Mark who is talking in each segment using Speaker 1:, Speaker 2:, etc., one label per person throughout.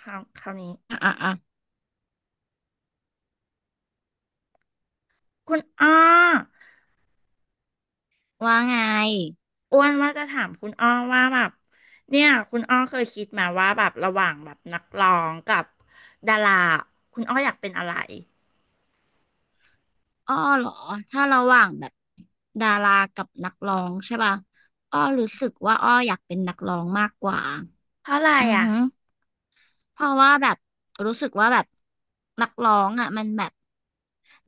Speaker 1: คราวนี้
Speaker 2: อ่ะอ่ะอ่ะ
Speaker 1: คุณอ้อ
Speaker 2: ว่าไง
Speaker 1: อ้วนว่าจะถามคุณอ้อว่าแบบเนี่ยคุณอ้อเคยคิดมาว่าแบบระหว่างแบบนักร้องกับดาราคุณอ้ออยากเป็นอะไร
Speaker 2: อ้อเหรอถ้าระหว่างแบบดารากับนักร้องใช่ป่ะอ้อรู้สึกว่าอ้ออยากเป็นนักร้องมากกว่า
Speaker 1: เพราะอะไร
Speaker 2: อือ
Speaker 1: อ่ะ
Speaker 2: ฮึ เพราะว่าแบบรู้สึกว่าแบบนักร้องอ่ะมันแบบ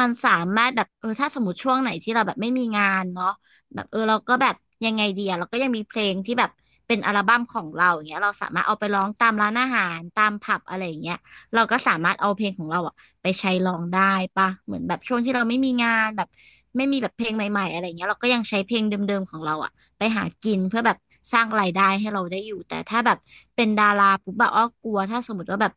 Speaker 2: มันสามารถแบบเออถ้าสมมติช่วงไหนที่เราแบบไม่มีงานเนาะแบบเออเราก็แบบยังไงดีอะเราก็ยังมีเพลงที่แบบเป็นอัลบั้มของเราอย่างเงี้ยเราสามารถเอาไปร้องตามร้านอาหารตามผับอะไรอย่างเงี้ยเราก็สามารถเอาเพลงของเราอ่ะไปใช้ร้องได้ปะเหมือนแบบช่วงที่เราไม่มีงานแบบไม่มีแบบเพลงใหม่ๆอะไรอย่างเงี้ยเราก็ยังใช้เพลงเดิมๆของเราอะ ไปหากินเพื่อแบบสร้างรายได้ให้เราได้อยู่แต่ถ้าแบบเป็นดาราปุ๊บอะอ้อกลัวถ้าสมมติว่าแบบ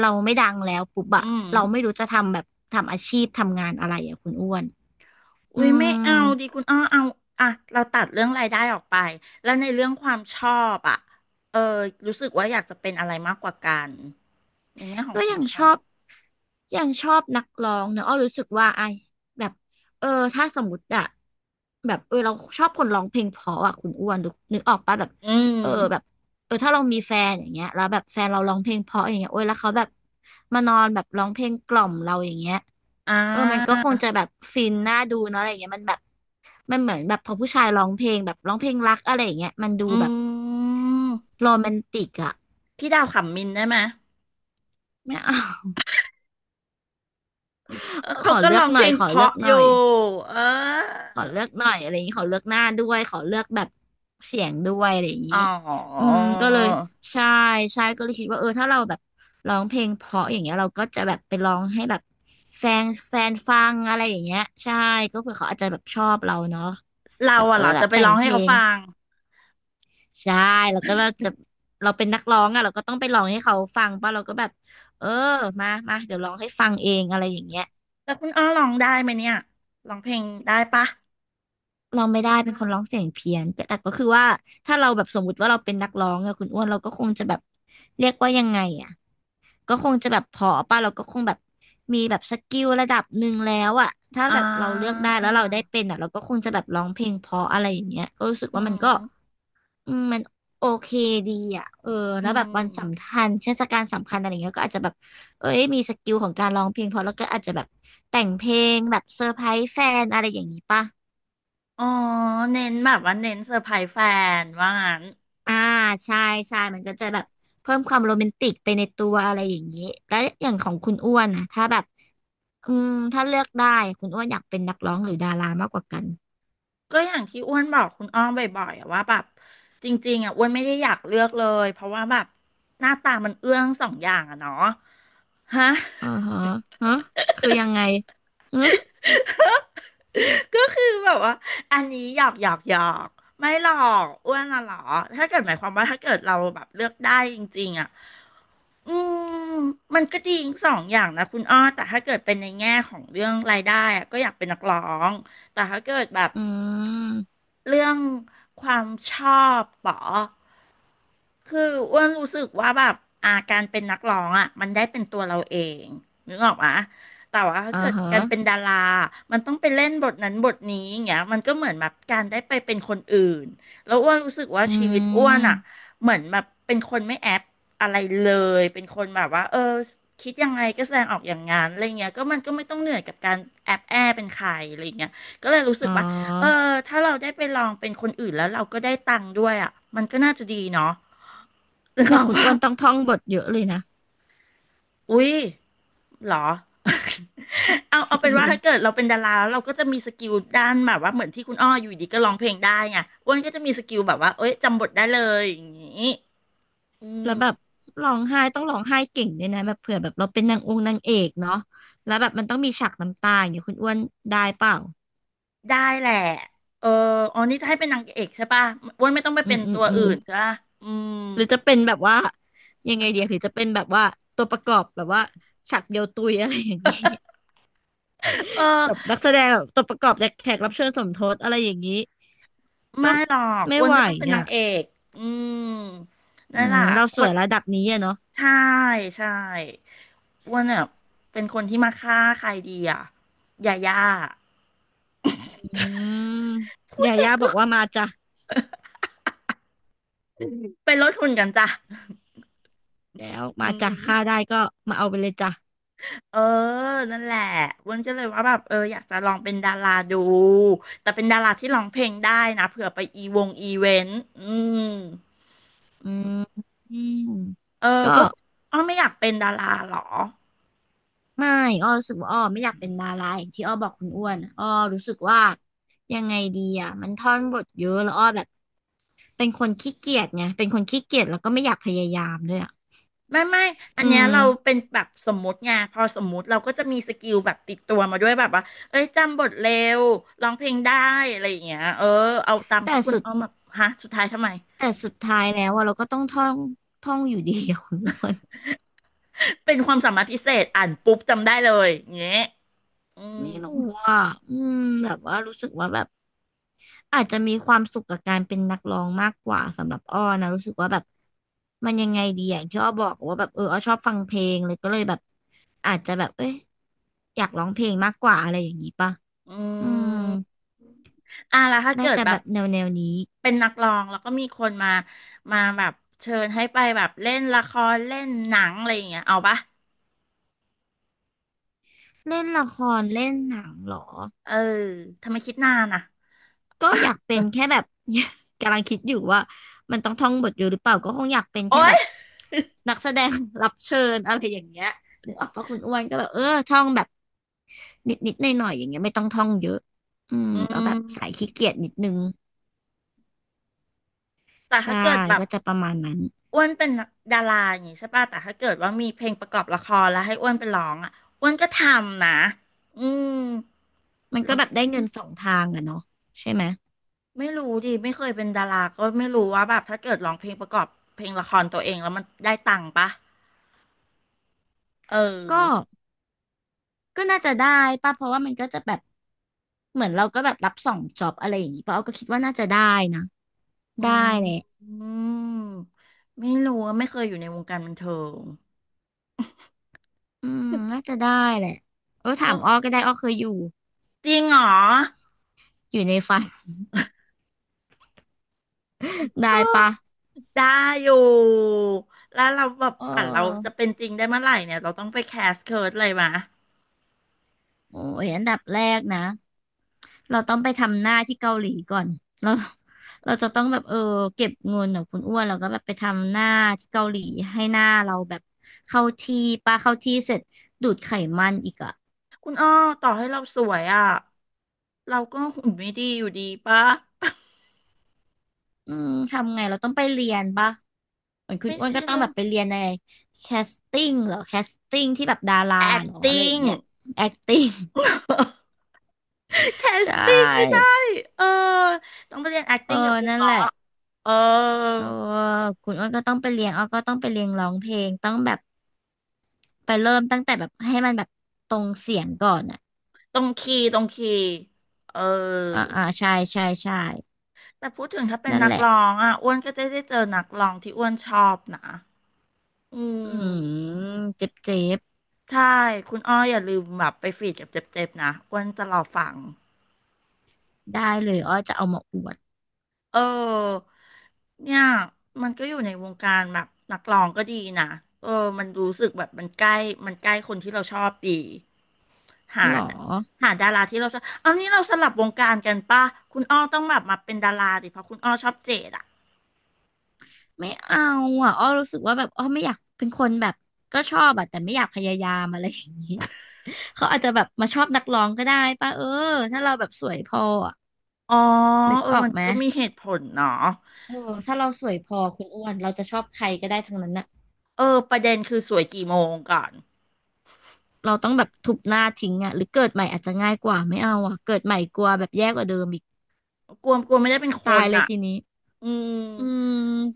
Speaker 2: เราไม่ดังแล้วปุ๊บอะ
Speaker 1: อืม
Speaker 2: เราไม่รู้จะทำแบบทำอาชีพทำงานอะไรอะคุณอ้วนอื
Speaker 1: อุ้ยไม่
Speaker 2: ม
Speaker 1: เอาดีคุณอ้อเอาอ่ะเราตัดเรื่องรายได้ออกไปแล้วในเรื่องความชอบอ่ะเออรู้สึกว่าอยากจะเป็นอะไรมากกว่ากันในแง่ของ
Speaker 2: ก็
Speaker 1: ควา
Speaker 2: ยั
Speaker 1: ม
Speaker 2: ง
Speaker 1: ช
Speaker 2: ช
Speaker 1: อ
Speaker 2: อ
Speaker 1: บ
Speaker 2: บยังชอบนักร้องเนอะอ้อรู้สึกว่าไอแบบเออถ้าสมมติอะแบบเออเราชอบคนร้องเพลงเพราะอะคุณอ้วนรู้นึกออกปะแบบ
Speaker 1: อืม
Speaker 2: เออแบบเออถ้าเรามีแฟนอย่างเงี้ยแล้วแบบแฟนเราร้องเพลงเพราะอย่างเงี้ยโอ้ยแล้วเขาแบบมานอนแบบร้องเพลงกล่อมเราอย่างเงี้ย
Speaker 1: อ่
Speaker 2: เออมันก็
Speaker 1: า
Speaker 2: คงจะแบบฟินน่าดูเนอะอะไรอย่างเงี้ยมันแบบมันเหมือนแบบพอผู้ชายร้องเพลงแบบร้องเพลงรักอะไรอย่างเงี้ยมันดู
Speaker 1: อ
Speaker 2: แบบ
Speaker 1: ืม
Speaker 2: โรแมนติกอะ
Speaker 1: พี่ดาวขำมินได้ไหม
Speaker 2: ไม่เอา
Speaker 1: เออ
Speaker 2: ข
Speaker 1: เขา
Speaker 2: อ
Speaker 1: ก็
Speaker 2: เลือ
Speaker 1: ร้
Speaker 2: ก
Speaker 1: อง
Speaker 2: ห
Speaker 1: เพ
Speaker 2: น่อ
Speaker 1: ล
Speaker 2: ย
Speaker 1: ง
Speaker 2: ขอ
Speaker 1: เพ
Speaker 2: เลือ
Speaker 1: ราะ
Speaker 2: ก
Speaker 1: อ
Speaker 2: หน่
Speaker 1: ยู่
Speaker 2: อย
Speaker 1: เออ
Speaker 2: ขอเลือกหน่อยอะไรอย่างนี้ขอเลือกหน้าด้วยขอเลือกแบบเสียงด้วยอะไรอย่าง
Speaker 1: อ๋
Speaker 2: นี้
Speaker 1: อ
Speaker 2: อืมก็เลยใช่ใช่ก็เลยคิดว่าเออถ้าเราแบบร้องเพลงเพราะอย่างเงี้ยเราก็จะแบบไปร้องให้แบบแฟนแฟนฟังอะไรอย่างเงี้ยใช่ก็เผื่อเขาอาจจะแบบชอบเราเนาะ
Speaker 1: เรา
Speaker 2: แบบ
Speaker 1: อะ
Speaker 2: เออ
Speaker 1: เหรอ
Speaker 2: แบ
Speaker 1: จะ
Speaker 2: บ
Speaker 1: ไป
Speaker 2: แต่
Speaker 1: ร้
Speaker 2: ง
Speaker 1: อง
Speaker 2: เพ
Speaker 1: ให้
Speaker 2: ล
Speaker 1: เขา
Speaker 2: ง
Speaker 1: ฟัง
Speaker 2: ใช่แล้วก็เราจะเราเป็นนักร้องอะเราก็ต้องไปร้องให้เขาฟังป่ะเราก็แบบเออมามาเดี๋ยวร้องให้ฟังเองอะไรอย่างเงี้ย
Speaker 1: แล้วคุณอ้อร้องได้ไหมเนี่ยร้องเพลงได้ปะ
Speaker 2: ร้องไม่ได้เป็นคนร้องเสียงเพี้ยนแต่แต่ก็คือว่าถ้าเราแบบสมมุติว่าเราเป็นนักร้องอะคุณอ้วนเราก็คงจะแบบเรียกว่ายังไงอะก็คงจะแบบพอป่ะเราก็คงแบบมีแบบสกิลระดับหนึ่งแล้วอะถ้า
Speaker 1: อ่
Speaker 2: แบบเราเลือก
Speaker 1: า
Speaker 2: ได้แล้วเราได้เป็นอะเราก็คงจะแบบร้องเพลงเพราะอะไรอย่างเงี้ยก็รู้สึก
Speaker 1: อื
Speaker 2: ว่ามันก็
Speaker 1: ม
Speaker 2: อืมมันโอเคดีอะเออ
Speaker 1: อื
Speaker 2: แล้วแบบวันสำ
Speaker 1: ม
Speaker 2: คัญเทศกาลสำคัญอะไรเงี้ยก็อาจจะแบบเอ้ยมีสกิลของการร้องเพลงพอแล้วก็อาจจะแบบแต่งเพลงแบบเซอร์ไพรส์แฟนอะไรอย่างนี้ป่ะ
Speaker 1: อ๋อ เน้นแบบว่าเน้นเซอร์ไพรส์แฟนว่างั้น
Speaker 2: อ่าใช่ใช่มันก็จะแบบเพิ่มความโรแมนติกไปในตัวอะไรอย่างนี้แล้วอย่างของคุณอ้วนนะถ้าแบบอืมถ้าเลือกได้คุณอ้วนอยากเป็นนักร้องหรือดารามากกว่ากัน
Speaker 1: ก็อย่างที่อ้วนบอกคุณอ้อมบ่อยๆอะว่าแบบจริงๆอะอ้วนไม่ได้อยากเลือกเลยเพราะว่าแบบหน้าตามันเอื้อทั้งสองอย่างอะเนาะฮะ
Speaker 2: อ่าฮะฮะคือยังไงฮะ
Speaker 1: ก็คือแบบว่าอันนี้หยอกไม่หรอกอ้วนอะหรอถ้าเกิดหมายความว่าถ้าเกิดเราแบบเลือกได้จริงๆอ่ะอืมมันก็ดีทั้งสองอย่างนะคุณอ้อแต่ถ้าเกิดเป็นในแง่ของเรื่องรายได้อะก็อยากเป็นนักร้องแต่ถ้าเกิดแบบ
Speaker 2: อืม
Speaker 1: เรื่องความชอบเหรอ คืออ้วนรู้สึกว่าแบบอาการเป็นนักร้องอ่ะมันได้เป็นตัวเราเองนึกออกปะแต่ว่าถ้า
Speaker 2: อ่า
Speaker 1: เกิดการเป็น
Speaker 2: ฮะ
Speaker 1: ดารามันต้องไปเล่นบทนั้นบทนี้อย่างเงี้ยมันก็เหมือนแบบการได้ไปเป็นคนอื่นแล้วอ้วนรู้สึกว่า
Speaker 2: อื
Speaker 1: ชีวิตอ้วนอ่ะ
Speaker 2: ม
Speaker 1: เหมือนแบบเป็นคนไม่แอปอะไรเลยเป็นคนแบบว่าเออคิดยังไงก็แสดงออกอย่างงั้นอะไรเงี้ยก็มันก็ไม่ต้องเหนื่อยกับการแอบแอเป็นใครอะไรเงี้ยก็เลยรู้สึ
Speaker 2: อ๋
Speaker 1: กว่าเออ
Speaker 2: อ
Speaker 1: ถ้าเราได้ไปลองเป็นคนอื่นแล้วเราก็ได้ตังค์ด้วยอ่ะมันก็น่าจะดีเนาะ นึกอ
Speaker 2: แต่
Speaker 1: อก
Speaker 2: คุณ
Speaker 1: ว่า
Speaker 2: อ้วนต้องท่องบทเยอะเลยนะ
Speaker 1: อุ๊ยเหรอ เอาเอาเป็นว่าถ้าเกิดเรา เป็นดาราแล้วเราก็จะมีสกิลด้านแบบว่าเหมือนที่คุณอ้ออยู่ดีก็ร้องเพลงได้ไงอ้วนก็จะมีสกิลแบบว่าเอ้ยจำบทได้เลยอย่างนี้อื
Speaker 2: แล้วแบบ
Speaker 1: ม
Speaker 2: ร้องไห้ต้องร้องไห้เก่งด้วยนะแบบเผื่อแบบเราเป็นนางองค์นางเอกเนาะแล้วแบบมันต้องมีฉากน้ำตาอย่างเงี้ยคุณอ้วนได้เปล่า
Speaker 1: ได้แหละเอออ๋อนี่จะให้เป็นนางเอกใช่ป่ะอ้วนไม่ต้องไป
Speaker 2: อื
Speaker 1: เป็
Speaker 2: ม
Speaker 1: น
Speaker 2: อื
Speaker 1: ตั
Speaker 2: ม
Speaker 1: ว
Speaker 2: อื
Speaker 1: อื่
Speaker 2: ม
Speaker 1: นใช่ป่ะอืม
Speaker 2: หรือจะเป็นแบบว่ายังไงเดียหรือจะเป็นแบบว่าตัวประกอบแบบว่าฉากเดียวตุย อะไรอย่างนี้
Speaker 1: เออ
Speaker 2: แบบนักแสดงแบบตัวประกอบและแขกรับเชิญสมทบอะไรอย่างนี้
Speaker 1: ไม่
Speaker 2: ก็
Speaker 1: หรอก
Speaker 2: ไม่
Speaker 1: อ้วน
Speaker 2: ไหว
Speaker 1: ก็ต้องเป็นนา
Speaker 2: อ่ะ
Speaker 1: งเอกอืม
Speaker 2: อื
Speaker 1: นั่นแห
Speaker 2: ม
Speaker 1: ละ
Speaker 2: เรา
Speaker 1: ค
Speaker 2: สว
Speaker 1: น
Speaker 2: ยระดับนี้อะเนาะ
Speaker 1: ใช่ใช่อ้วนอ่ะเป็นคนที่มาฆ่าใครดีอ่ะยาย่า
Speaker 2: อืม
Speaker 1: พูด
Speaker 2: ยา
Speaker 1: เอง
Speaker 2: ย่าบ
Speaker 1: ก็
Speaker 2: อกว่ามาจ้ะ
Speaker 1: เป็นรถหุ่นกันจ้ะ
Speaker 2: แล้ว
Speaker 1: อื
Speaker 2: มาจ้ะค่า
Speaker 1: ม
Speaker 2: ได้ก็มาเอาไปเลยจ้ะ
Speaker 1: เออนั่นแหละอ้วนก็เลยว่าแบบเอออยากจะลองเป็นดาราดู แต่เป็นดาราที่ร้องเพลงได้นะเผื่อไปอีวงอีเวนต์ อืม
Speaker 2: อืมอืม
Speaker 1: เออ
Speaker 2: ก็
Speaker 1: คุณออไม่อยากเป็นดาราเหรอ
Speaker 2: ไม่อ้อรู้สึกว่าอ้อไม่อยากเป็นดาราอย่างที่อ้อบอกคุณอ้วนอ้อรู้สึกว่ายังไงดีอ่ะมันท่อนบทเยอะแล้วอ้อแบบ เป็นคนขี้เกียจไงเป็นคนขี้เกียจแล้วก็ไม่อยากพยายามด้วยอ่ะ
Speaker 1: ไม่ อั
Speaker 2: อื
Speaker 1: นเนี้ย
Speaker 2: ม
Speaker 1: เราเป็นแบบสมมุติไงพอสมมุติเราก็จะมีสกิลแบบติดตัวมาด้วยแบบว่าเอ้ยจำบทเร็วร้องเพลงได้อะไรอย่างเงี้ยเออเอาตาม
Speaker 2: แต่
Speaker 1: ที่คุณ
Speaker 2: สุด
Speaker 1: เอาอมาฮะสุดท้ายทำไม
Speaker 2: แต่สุดท้ายแล้วอะเราก็ต้องท่องอยู่ดีอะคุณอ้วน
Speaker 1: เป็นความสามารถพิเศษอ่านปุ๊บจำได้เลยอย่างเงี้ยอืม
Speaker 2: ไม่รู้อ่ะอืมแบบว่ารู้สึกว่าแบบอาจจะมีความสุขกับการเป็นนักร้องมากกว่าสำหรับอ้อนะรู้สึกว่าแบบมันยังไงดีอย่างที่อ้อบอกว่าแบบเอออ้อชอบฟังเพลงเลยก็เลยแบบอาจจะแบบเอ้ยอยากร้องเพลงมากกว่าอะไรอย่างนี้ป่ะ
Speaker 1: อื
Speaker 2: อืม
Speaker 1: มอ่ะแล้วถ้า
Speaker 2: น่า
Speaker 1: เกิด
Speaker 2: จะ
Speaker 1: แบ
Speaker 2: แบ
Speaker 1: บ
Speaker 2: บแนวนี้
Speaker 1: เป็นนักร้องแล้วก็มีคนมาแบบเชิญให้ไปแบบเล่นละครเล่นหนังอะไรอย่างเงี้ยเอาปะ
Speaker 2: เล่นละครเล่นหนังเหรอ
Speaker 1: เออทำไมคิดนานอ่ะ
Speaker 2: ก็อยากเป็นแค่แบบ กำลังคิดอยู่ว่ามันต้องท่องบทอยู่หรือเปล่าก็คงอยากเป็นแค่
Speaker 1: โอ๊
Speaker 2: แบ
Speaker 1: ย
Speaker 2: บนักแสดง รับเชิญอะไรอย่างเงี้ยนึกออกปะคุณอ้วนก็แบบท่องแบบนิดนิดหน่อยหน่อยๆอย่างเงี้ยไม่ต้องท่องเยอะอืม
Speaker 1: อื
Speaker 2: ก็แบ
Speaker 1: ม
Speaker 2: บสายขี้เกียจนิดนึง
Speaker 1: แต่ถ้า
Speaker 2: ใช่
Speaker 1: เกิดแบบ
Speaker 2: ก็จะประมาณนั้น
Speaker 1: อ้วนเป็นดาราอย่างงี้ใช่ป่ะแต่ถ้าเกิดว่ามีเพลงประกอบละครแล้วให้อ้วนไปร้องอ่ะอ้วนก็ทำนะอืม
Speaker 2: มัน
Speaker 1: ล
Speaker 2: ก็
Speaker 1: อ
Speaker 2: แบบ
Speaker 1: ง
Speaker 2: ได้เงินสองทางอะเนาะใช่ไหม
Speaker 1: ไม่รู้ดิไม่เคยเป็นดาราก็ไม่รู้ว่าแบบถ้าเกิดร้องเพลงประกอบเพลงละครตัวเองแล้วมันได้ตังค์ปะเออ
Speaker 2: ก็ก็น่าจะได้ป่ะเพราะว่ามันก็จะแบบเหมือนเราก็แบบรับสองจ็อบอะไรอย่างงี้ป่ะเอาก็คิดว่าน่าจะได้นะ
Speaker 1: อื
Speaker 2: ได้
Speaker 1: ม
Speaker 2: แหละ
Speaker 1: อืมไม่รู้อะไม่เคยอยู่ในวงการบันเทิง
Speaker 2: อืมน่าจะได้แหละเออ
Speaker 1: เอ
Speaker 2: ถา
Speaker 1: อ
Speaker 2: มอ้อก็ได้อ้อเคยอยู่
Speaker 1: จริงเหรอ
Speaker 2: อยู่ในฝัน
Speaker 1: เอ
Speaker 2: ได้
Speaker 1: อ
Speaker 2: ปะ
Speaker 1: ได้อยู่ แล้วเราแบบ
Speaker 2: เอ
Speaker 1: ฝันเราจะ
Speaker 2: อ
Speaker 1: เป็นจริงได้เมื่อไหร่เนี่ย เราต้องไปแคสเคิร์ดเลยมะ
Speaker 2: โอ้ยอันดับแรกนะเราต้องไปทำหน้าที่เกาหลีก่อนเราเราจะต้องแบบเก็บเงินของคุณอ้วนแล้วก็แบบไปทำหน้าที่เกาหลีให้หน้าเราแบบเข้าที่ปะเข้าที่เสร็จดูดไขมันอีกอ่ะ
Speaker 1: คุณอ้อต่อให้เราสวยอ่ะเราก็หุ่นไม่ดีอยู่ดีปะ
Speaker 2: อืมทำไงเราต้องไปเรียนปะเหมือนคุณ
Speaker 1: ไม่
Speaker 2: อ้วน
Speaker 1: ใช่
Speaker 2: ก็ต้อง
Speaker 1: เล่
Speaker 2: แบ
Speaker 1: น
Speaker 2: บไปเรียนในแคสติ้งเหรอแคสติ้งที่แบบดาราเหรออะไรอย่าง
Speaker 1: acting
Speaker 2: เงี้ย acting ใช
Speaker 1: casting ไม่ใช่
Speaker 2: ่
Speaker 1: เออต้องไปเรียน
Speaker 2: เออ
Speaker 1: acting กับครู
Speaker 2: นั่น
Speaker 1: ก่อ
Speaker 2: แหละ
Speaker 1: นเออ
Speaker 2: เออคุณอ้นก็ต้องไปเรียนอ้อก็ต้องไปเรียนร้องเพลงต้องแบบไปเริ่มตั้งแต่แบบให้มันแบบตรงเสียงก่อนอ่ะ
Speaker 1: ตรงคีย์เออ
Speaker 2: อ่าใช่ใช่ใช่
Speaker 1: แต่พูดถึงถ้าเป็น
Speaker 2: นั่น
Speaker 1: นั
Speaker 2: แห
Speaker 1: ก
Speaker 2: ละ
Speaker 1: ร้องอ่ะอ้วนก็จะได้เจอนักร้องที่อ้วนชอบนะอื
Speaker 2: อื
Speaker 1: ม
Speaker 2: มเจ็บเจ็บ
Speaker 1: ใช่คุณอ้ออย่าลืมแบบไปฟีดกับเจ็บๆนะอ้วนจะรอฟัง
Speaker 2: ได้เลยอ้อจะเอามาอวด
Speaker 1: เออเนี่ยมันก็อยู่ในวงการแบบนักร้องก็ดีนะเออมันรู้สึกแบบมันใกล้คนที่เราชอบดีหา
Speaker 2: หรอ
Speaker 1: หาดาราที่เราชอบเอานี้เราสลับวงการกันป่ะคุณอ้อต้องแบบมาเป็นดาราดิเพราะคุณอ้อชอบเจดอ่ะ
Speaker 2: ไม่เอาอ่ะอ้อรู้สึกว่าแบบอ้อไม่อยากเป็นคนแบบก็ชอบอ่ะแต่ไม่อยากพยายามอะไรอย่างนี้ เขาอาจจะแบบมาชอบนักร้องก็ได้ป่ะเออถ้าเราแบบสวยพออะ
Speaker 1: อ๋อ
Speaker 2: นึก
Speaker 1: เออ
Speaker 2: ออก
Speaker 1: มัน
Speaker 2: ไหม
Speaker 1: ก็มีเหตุผลเนาะ
Speaker 2: เออถ้าเราสวยพอคุณอ้วนเราจะชอบใครก็ได้ทั้งนั้นน่ะ
Speaker 1: เออประเด็นคือสวยกี่โมงก่อน
Speaker 2: เราต้องแบบทุบหน้าทิ้งอ่ะหรือเกิดใหม่อาจจะง่ายกว่าไม่เอาอ่ะเกิดใหม่กลัวแบบแย่กว่าเดิมอีก
Speaker 1: กลัวกลัวไม่ได้เป็นค
Speaker 2: ตา
Speaker 1: น
Speaker 2: ยเลย
Speaker 1: อ่ะ
Speaker 2: ทีนี้
Speaker 1: อืม
Speaker 2: อืม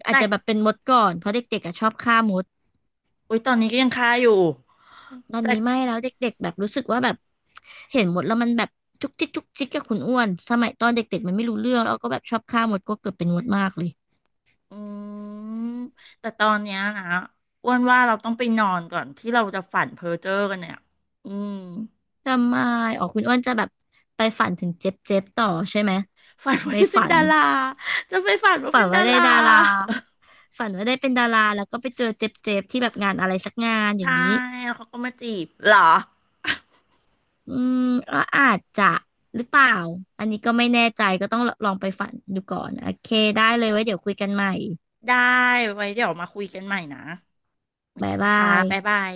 Speaker 2: อาจ
Speaker 1: แต่
Speaker 2: จะแบบเป็นมดก่อนเพราะเด็กๆอ่ะชอบฆ่ามด
Speaker 1: โอ๊ยตอนนี้ก็ยังคาอยู่
Speaker 2: ตอนนี้ไม่
Speaker 1: แต่
Speaker 2: แล้วเด็กๆแบบรู้สึกว่าแบบเห็นมดแล้วมันแบบจุกจิกจุกจิกกับคุณอ้วนสมัยตอนเด็กๆมันไม่รู้เรื่องแล้วก็แบบชอบฆ่ามดก็เกิดเป็นมดมากเลย
Speaker 1: อืมแต่ตอนเนี้ยนะอ้วนว่าเราต้องไปนอนก่อนที่เราจะฝันเพ้อเจ้อกันเนี่ยอืม
Speaker 2: ทำไมอ๋อคุณอ้วนจะแบบไปฝันถึงเจ็บๆต่อใช่ไหม
Speaker 1: ฝัน
Speaker 2: ใน
Speaker 1: ว่าจะเป็
Speaker 2: ฝั
Speaker 1: น
Speaker 2: น
Speaker 1: ดาราจะไปฝันว่า
Speaker 2: ฝั
Speaker 1: เป็
Speaker 2: น
Speaker 1: น
Speaker 2: ว่า
Speaker 1: ดา
Speaker 2: ได้
Speaker 1: รา
Speaker 2: ดาราฝันว่าได้เป็นดาราแล้วก็ไปเจอเจ็บๆที่แบบงานอะไรสักงานอย่าง
Speaker 1: ใช่
Speaker 2: นี้
Speaker 1: แล้วเขาก็มาจีบเหรอ
Speaker 2: อืมก็อาจจะหรือเปล่าอันนี้ก็ไม่แน่ใจก็ต้องลองไปฝันดูก่อนโอเคได้เลยไว้เดี๋ยวคุยกันใหม่
Speaker 1: ได้ไว้เดี๋ยวมาคุยกันใหม่นะโอเค
Speaker 2: บ๊ายบา
Speaker 1: ค่ะ
Speaker 2: ย
Speaker 1: บ๊ายบาย